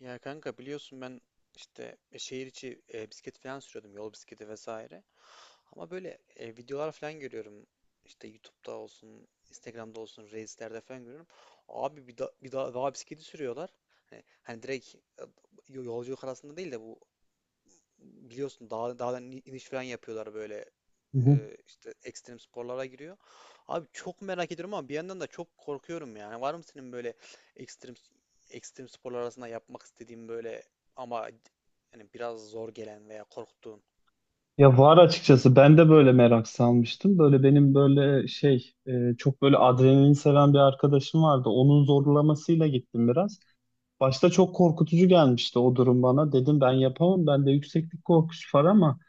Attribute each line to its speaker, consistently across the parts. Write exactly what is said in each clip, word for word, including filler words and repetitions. Speaker 1: Ya kanka biliyorsun ben işte e, şehir içi e, bisiklet falan sürüyordum. Yol bisikleti vesaire. Ama böyle e, videolar falan görüyorum. İşte YouTube'da olsun, Instagram'da olsun, Reels'lerde falan görüyorum. Abi bir, da, bir da, dağ bisikleti sürüyorlar. Hani, hani direkt e, yolculuk arasında değil de bu biliyorsun dağ, dağdan in- iniş falan yapıyorlar böyle
Speaker 2: Hı hı.
Speaker 1: e, işte ekstrem sporlara giriyor. Abi çok merak ediyorum ama bir yandan da çok korkuyorum yani. Var mı senin böyle ekstrem ekstrem sporlar arasında yapmak istediğin böyle ama yani biraz zor gelen veya korktuğun?
Speaker 2: Ya var açıkçası ben de böyle merak salmıştım. Böyle benim böyle şey e, çok böyle adrenalin seven bir arkadaşım vardı. Onun zorlamasıyla gittim biraz. Başta çok korkutucu gelmişti o durum bana. Dedim ben yapamam. Bende yükseklik korkusu var ama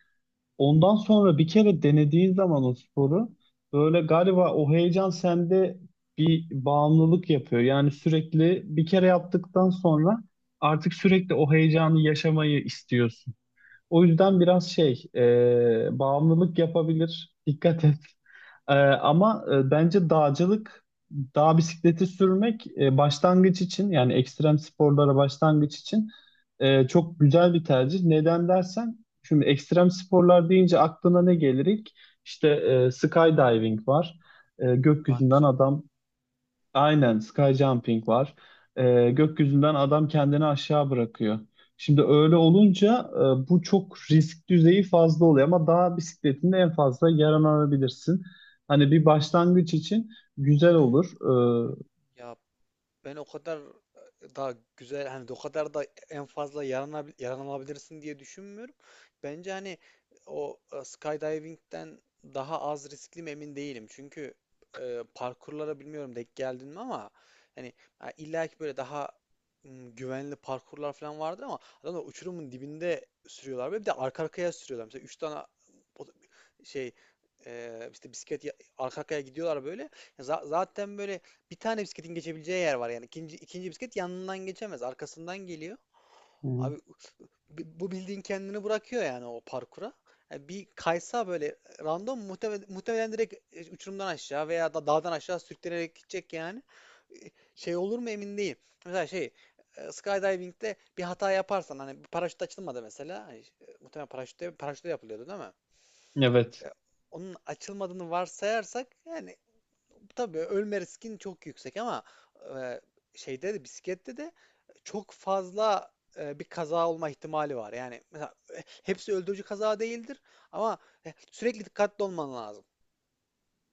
Speaker 2: ondan sonra bir kere denediğin zaman o sporu böyle galiba o heyecan sende bir bağımlılık yapıyor. Yani sürekli bir kere yaptıktan sonra artık sürekli o heyecanı yaşamayı istiyorsun. O yüzden biraz şey, e, bağımlılık yapabilir. Dikkat et. E, ama e, bence dağcılık, dağ bisikleti sürmek e, başlangıç için yani ekstrem sporlara başlangıç için e, çok güzel bir tercih. Neden dersen, şimdi ekstrem sporlar deyince aklına ne gelir ilk? İşte e, skydiving var. E,
Speaker 1: Bungee
Speaker 2: gökyüzünden
Speaker 1: jump.
Speaker 2: adam... Aynen sky jumping var. Ee, gökyüzünden adam kendini aşağı bırakıyor. Şimdi öyle olunca e, bu çok risk düzeyi fazla oluyor ama dağ bisikletinde en fazla yaralanabilirsin. Hani bir başlangıç için güzel olur. Ee,
Speaker 1: Ya ben o kadar e, daha güzel hani o kadar da en fazla yaranabil, yaranabilirsin diye düşünmüyorum. Bence hani o e, skydiving'den daha az riskli mi emin değilim. Çünkü e, parkurlara bilmiyorum denk geldin mi ama hani ha, illa ki böyle daha m, güvenli parkurlar falan vardır ama adamlar uçurumun dibinde sürüyorlar ve bir de arka arkaya sürüyorlar. Mesela üç tane o- şey e, işte bisiklet ya- arka arkaya gidiyorlar böyle. Ya za- zaten böyle bir tane bisikletin geçebileceği yer var yani. İkinci, ikinci bisiklet yanından geçemez. Arkasından geliyor.
Speaker 2: Hı hı.
Speaker 1: Abi bi- bu bildiğin kendini bırakıyor yani o parkura. Yani bir kaysa böyle random muhtemelen, muhtemelen direkt e, uçurumdan aşağı veya da dağdan aşağı sürüklenerek gidecek yani. E, Şey olur mu emin değilim. Mesela şey e, skydiving'de bir hata yaparsan hani bir paraşüt açılmadı mesela. Hani, e, muhtemelen paraşütte paraşütte yapılıyordu değil mi?
Speaker 2: Evet.
Speaker 1: E, Onun açılmadığını varsayarsak yani tabii ölme riskin çok yüksek ama e, şeyde de bisiklette de çok fazla e, bir kaza olma ihtimali var. Yani mesela e, hepsi öldürücü kaza değildir ama e, sürekli dikkatli olman lazım.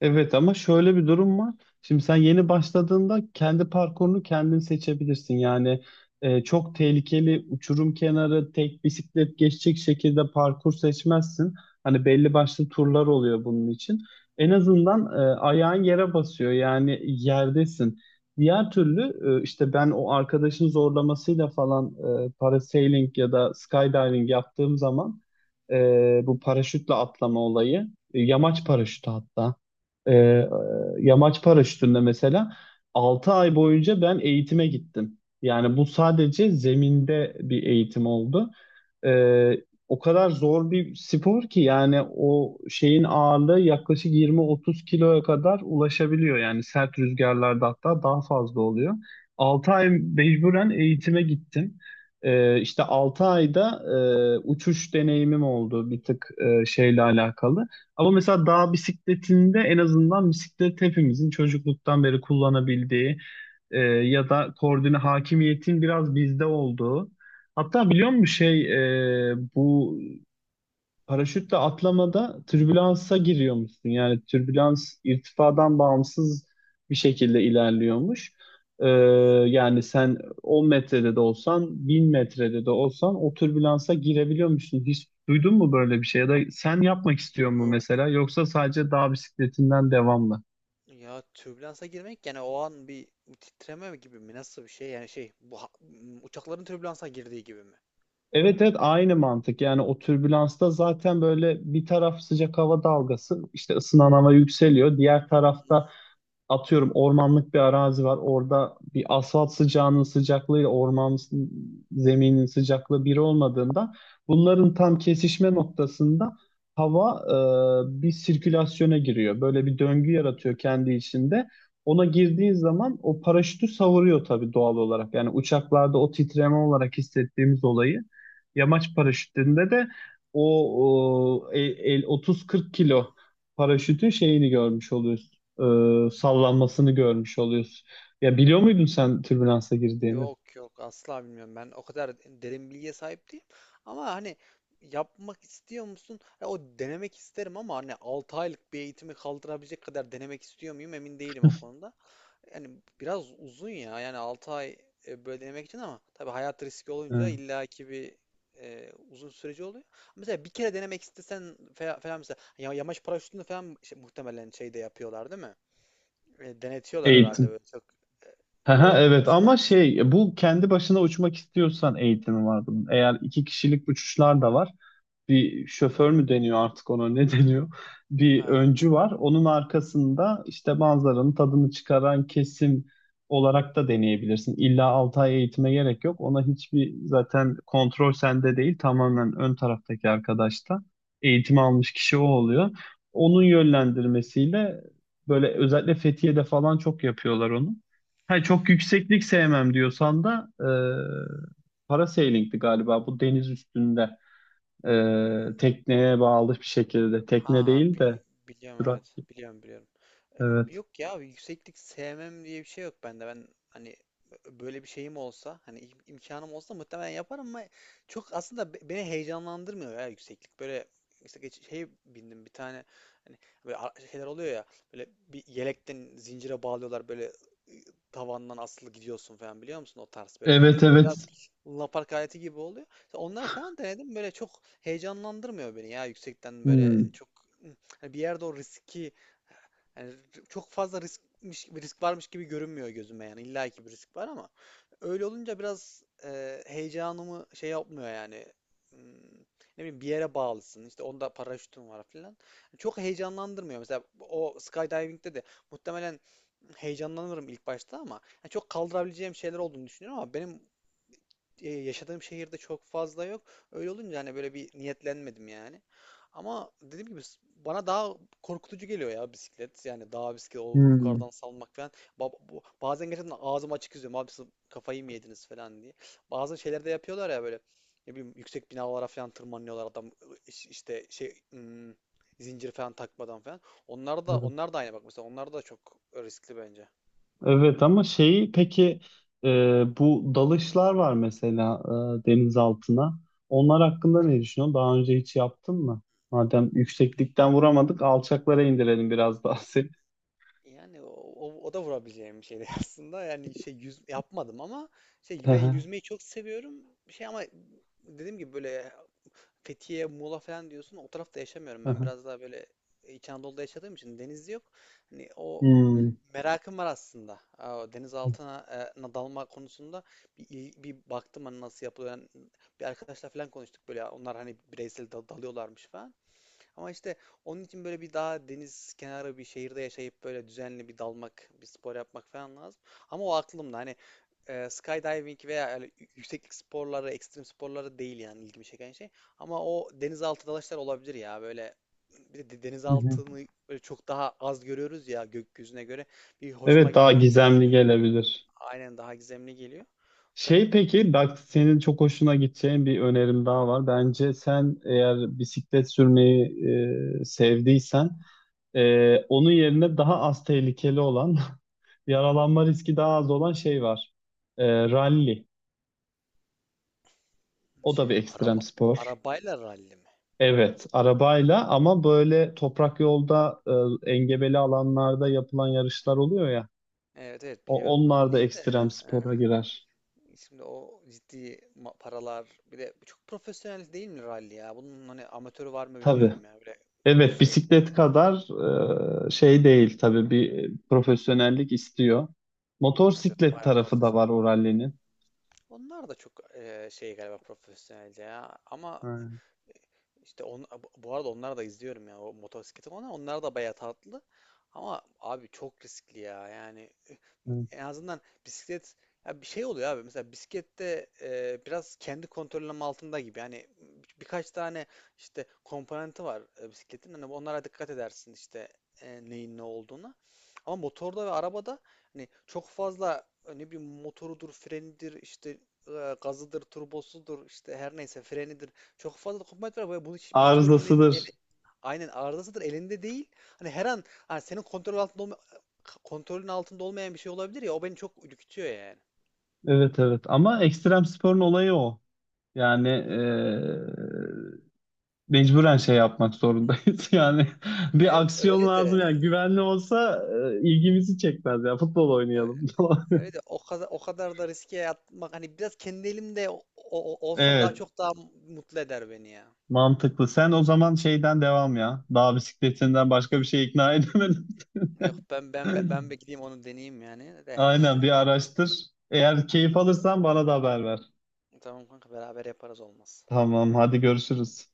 Speaker 2: Evet ama şöyle bir durum var. Şimdi sen yeni başladığında kendi parkurunu kendin seçebilirsin. Yani e, çok tehlikeli uçurum kenarı tek bisiklet geçecek şekilde parkur seçmezsin. Hani belli başlı turlar oluyor bunun için. En azından e, ayağın yere basıyor yani yerdesin. Diğer türlü e, işte ben o arkadaşın zorlamasıyla falan e, parasailing ya da skydiving yaptığım zaman e, bu paraşütle atlama olayı, e, yamaç paraşütü hatta. Ee, e, Yamaç paraşütünde mesela altı ay boyunca ben eğitime gittim. Yani bu sadece zeminde bir eğitim oldu. E, o kadar zor bir spor ki yani o şeyin ağırlığı yaklaşık yirmi otuz kiloya kadar ulaşabiliyor. Yani sert rüzgarlarda hatta daha fazla oluyor. Altı ay mecburen eğitime gittim. E, işte altı ayda e, uçuş deneyimim oldu bir tık e, şeyle alakalı. Ama mesela dağ bisikletinde en azından bisiklet hepimizin çocukluktan beri kullanabildiği e, ya da koordine hakimiyetin biraz bizde olduğu. Hatta biliyor musun şey e, bu paraşütle atlamada türbülansa giriyormuşsun. Yani türbülans irtifadan bağımsız bir şekilde ilerliyormuş. Ee, yani sen on metrede de olsan, bin metrede de olsan o türbülansa girebiliyormuşsun. Hiç duydun mu böyle bir şey? Ya da sen yapmak istiyor mu
Speaker 1: Yok
Speaker 2: mesela? Yoksa sadece dağ bisikletinden devam mı?
Speaker 1: ya türbülansa girmek yani o an bir titreme gibi mi nasıl bir şey yani şey bu ha- m, uçakların türbülansa girdiği gibi mi?
Speaker 2: Evet, evet, aynı mantık. Yani o türbülansta zaten böyle bir taraf sıcak hava dalgası, işte ısınan hava yükseliyor. Diğer tarafta atıyorum ormanlık bir arazi var. Orada bir asfalt sıcağının sıcaklığıyla orman s- zeminin sıcaklığı bir olmadığında bunların tam kesişme noktasında hava e, bir sirkülasyona giriyor. Böyle bir döngü yaratıyor kendi içinde. Ona girdiği zaman o paraşütü savuruyor tabii doğal olarak. Yani uçaklarda o titreme olarak hissettiğimiz olayı yamaç paraşütünde de o, o el, el otuz kırk kilo paraşütün şeyini görmüş oluyorsun e, sallanmasını görmüş oluyorsun. Ya biliyor muydun sen türbülansa girdiğini?
Speaker 1: Yok yok asla bilmiyorum. Ben o kadar derin bilgiye sahip değilim. Ama hani yapmak istiyor musun? Ya o denemek isterim ama hani altı aylık bir eğitimi kaldırabilecek kadar denemek istiyor muyum emin değilim o konuda. Yani biraz uzun ya. Yani altı ay e, böyle denemek için ama tabii hayat riski olunca
Speaker 2: Hı.
Speaker 1: illaki bir e, uzun süreci oluyor. Mesela bir kere denemek istesen fe- falan mesela ya- yamaç paraşütünü falan şey- muhtemelen şeyde yapıyorlar değil mi? E, denetiyorlar herhalde
Speaker 2: Eğitim.
Speaker 1: böyle çok e,
Speaker 2: Aha,
Speaker 1: e,
Speaker 2: evet
Speaker 1: şey
Speaker 2: ama
Speaker 1: yapmasın.
Speaker 2: şey bu kendi başına uçmak istiyorsan eğitimi var bunun. Eğer iki kişilik uçuşlar da var. Bir şoför mü deniyor artık ona ne deniyor? Bir öncü var. Onun arkasında işte manzaranın tadını çıkaran kesim olarak da deneyebilirsin. İlla altı ay eğitime gerek yok. Ona hiçbir zaten kontrol sende değil. Tamamen ön taraftaki arkadaşta. Eğitim almış kişi o oluyor. Onun yönlendirmesiyle böyle özellikle Fethiye'de falan çok yapıyorlar onu. Ha, çok yükseklik sevmem diyorsan da eee Parasailing'di galiba bu deniz üstünde. Ee, tekneye bağlı bir şekilde. Tekne
Speaker 1: Ha ha,
Speaker 2: değil
Speaker 1: bi-
Speaker 2: de
Speaker 1: biliyorum
Speaker 2: sürat.
Speaker 1: evet. Biliyorum biliyorum. E,
Speaker 2: Evet.
Speaker 1: yok ya yükseklik sevmem diye bir şey yok bende. Ben hani böyle bir şeyim olsa hani im- imkanım olsa muhtemelen yaparım ama çok aslında be- beni heyecanlandırmıyor ya yükseklik. Böyle işte geç, şey bindim bir tane hani böyle ar- şeyler oluyor ya böyle bir yelekten zincire bağlıyorlar böyle ı, tavandan asılı gidiyorsun falan biliyor musun o tarz böyle yani
Speaker 2: Evet,
Speaker 1: biraz
Speaker 2: evet.
Speaker 1: lunapark aleti gibi oluyor. Onlar falan denedim böyle çok heyecanlandırmıyor beni ya yüksekten böyle
Speaker 2: Hmm,
Speaker 1: çok hani bir yerde o riski yani çok fazla riskmiş bir risk varmış gibi görünmüyor gözüme yani illa ki bir risk var ama öyle olunca biraz e, heyecanımı şey yapmıyor yani. Hmm, ne bileyim bir yere bağlısın işte onda paraşütün var filan çok heyecanlandırmıyor mesela o skydiving'de de muhtemelen heyecanlanırım ilk başta ama yani çok kaldırabileceğim şeyler olduğunu düşünüyorum ama benim e, yaşadığım şehirde çok fazla yok. Öyle olunca hani böyle bir niyetlenmedim yani. Ama dediğim gibi s- bana daha korkutucu geliyor ya bisiklet. Yani daha bisiklet o
Speaker 2: hmm.
Speaker 1: yukarıdan salmak falan. Ba- bu- bazen gerçekten ağzım açık izliyorum. Abi siz kafayı mı yediniz falan diye. Bazı şeyler de yapıyorlar ya böyle. Ne bileyim yüksek binalara falan tırmanıyorlar adam iş- işte şey hmm, zincir falan takmadan falan. Onlar da
Speaker 2: Evet.
Speaker 1: onlar da aynı bak mesela onlar da çok riskli bence.
Speaker 2: Evet ama şeyi peki e, bu dalışlar var mesela e, deniz altına. Onlar hakkında ne düşünüyorsun? Daha önce hiç yaptın mı? Madem yükseklikten vuramadık, alçaklara indirelim biraz daha seni.
Speaker 1: Yani o, o, o da vurabileceğim bir şeydi aslında. Yani şey yüz yapmadım ama şey
Speaker 2: Hı
Speaker 1: ben
Speaker 2: hı.
Speaker 1: yüzmeyi çok seviyorum. Şey ama dediğim gibi böyle Fethiye, Muğla falan diyorsun. O tarafta yaşamıyorum. Ben biraz daha böyle İç Anadolu'da yaşadığım için deniz yok. Hani o
Speaker 2: Hmm.
Speaker 1: merakım var aslında. Aa, o deniz altına e, na dalma konusunda bir, il- bir baktım hani nasıl yapılıyor. Yani bir arkadaşlar falan konuştuk böyle. Onlar hani bireysel dal- dalıyorlarmış falan. Ama işte onun için böyle bir daha deniz kenarı bir şehirde yaşayıp böyle düzenli bir dalmak, bir spor yapmak falan lazım. Ama o aklımda hani e, skydiving veya öyle yükseklik sporları, ekstrem sporları değil yani ilgimi çeken şey. Ama o denizaltı dalışlar olabilir ya böyle bir de
Speaker 2: Hı hı.
Speaker 1: denizaltını böyle çok daha az görüyoruz ya gökyüzüne göre. Bir hoşuma
Speaker 2: Evet daha
Speaker 1: gitmiyor değil
Speaker 2: gizemli
Speaker 1: yani.
Speaker 2: gelebilir.
Speaker 1: Aynen daha gizemli geliyor.
Speaker 2: Şey
Speaker 1: Sen
Speaker 2: peki bak senin çok hoşuna gideceğin bir önerim daha var. Bence sen eğer bisiklet sürmeyi e, sevdiysen e, onun yerine daha az tehlikeli olan yaralanma riski daha az olan şey var. E, rally. O da
Speaker 1: şey
Speaker 2: bir ekstrem
Speaker 1: araba
Speaker 2: spor.
Speaker 1: arabayla ralli mi?
Speaker 2: Evet, arabayla ama böyle toprak yolda e, engebeli alanlarda yapılan yarışlar oluyor ya.
Speaker 1: Evet evet
Speaker 2: O,
Speaker 1: biliyorum
Speaker 2: onlar da
Speaker 1: ralliyi de.
Speaker 2: ekstrem spora girer.
Speaker 1: Şimdi o ciddi ma- paralar bir de çok profesyonel değil mi rally ya? Bunun hani amatörü var mı
Speaker 2: Tabii.
Speaker 1: bilmiyorum ya. Böyle bir
Speaker 2: Evet,
Speaker 1: şey
Speaker 2: bisiklet kadar e, şey değil tabii bir profesyonellik istiyor.
Speaker 1: evet, evet,
Speaker 2: Motorsiklet
Speaker 1: bayağı
Speaker 2: tarafı da
Speaker 1: profesyonel.
Speaker 2: var o rallinin.
Speaker 1: Onlar da çok e, şey galiba profesyonelce ya. Ama
Speaker 2: Ha,
Speaker 1: işte on, bu arada onları da izliyorum ya o motosikleti onlar onlar da bayağı tatlı. Ama abi çok riskli ya. Yani
Speaker 2: evet.
Speaker 1: en azından bisiklet ya bir şey oluyor abi. Mesela bisiklette e, biraz kendi kontrolüm altında gibi. Yani bir- birkaç tane işte komponenti var e, bisikletin. Hani onlara dikkat edersin işte e, neyin ne olduğuna. Ama motorda ve arabada hani çok fazla e, ne bileyim motorudur, frenidir, işte e, gazıdır, turbosudur, işte her neyse frenidir. Çok fazla komponent var ve bu hiç- hiçbir bunun el,
Speaker 2: Arızasıdır.
Speaker 1: ele- aynen arızasıdır elinde değil. Hani her an hani senin kontrol altında olma- kontrolün altında olmayan bir şey olabilir ya o beni çok ürkütüyor yani.
Speaker 2: Evet, evet, ama ekstrem sporun olayı o. Yani e, mecburen şey yapmak zorundayız. Yani bir
Speaker 1: Evet
Speaker 2: aksiyon
Speaker 1: öyle
Speaker 2: lazım
Speaker 1: de
Speaker 2: yani güvenli olsa e, ilgimizi çekmez ya futbol
Speaker 1: ö-
Speaker 2: oynayalım. falan.
Speaker 1: öyle de o kadar o kadar da riske atmak hani biraz kendi elimde o- o- olsa daha
Speaker 2: Evet,
Speaker 1: çok daha mutlu eder beni ya.
Speaker 2: mantıklı. Sen o zaman şeyden devam ya. Dağ bisikletinden başka bir şey ikna edemedim.
Speaker 1: Yok ben ben ben ben bir gideyim onu deneyeyim yani de
Speaker 2: Aynen
Speaker 1: işte.
Speaker 2: bir araştır. Eğer keyif alırsan bana da haber ver.
Speaker 1: Tamam kanka beraber yaparız olmaz.
Speaker 2: Tamam, hadi görüşürüz.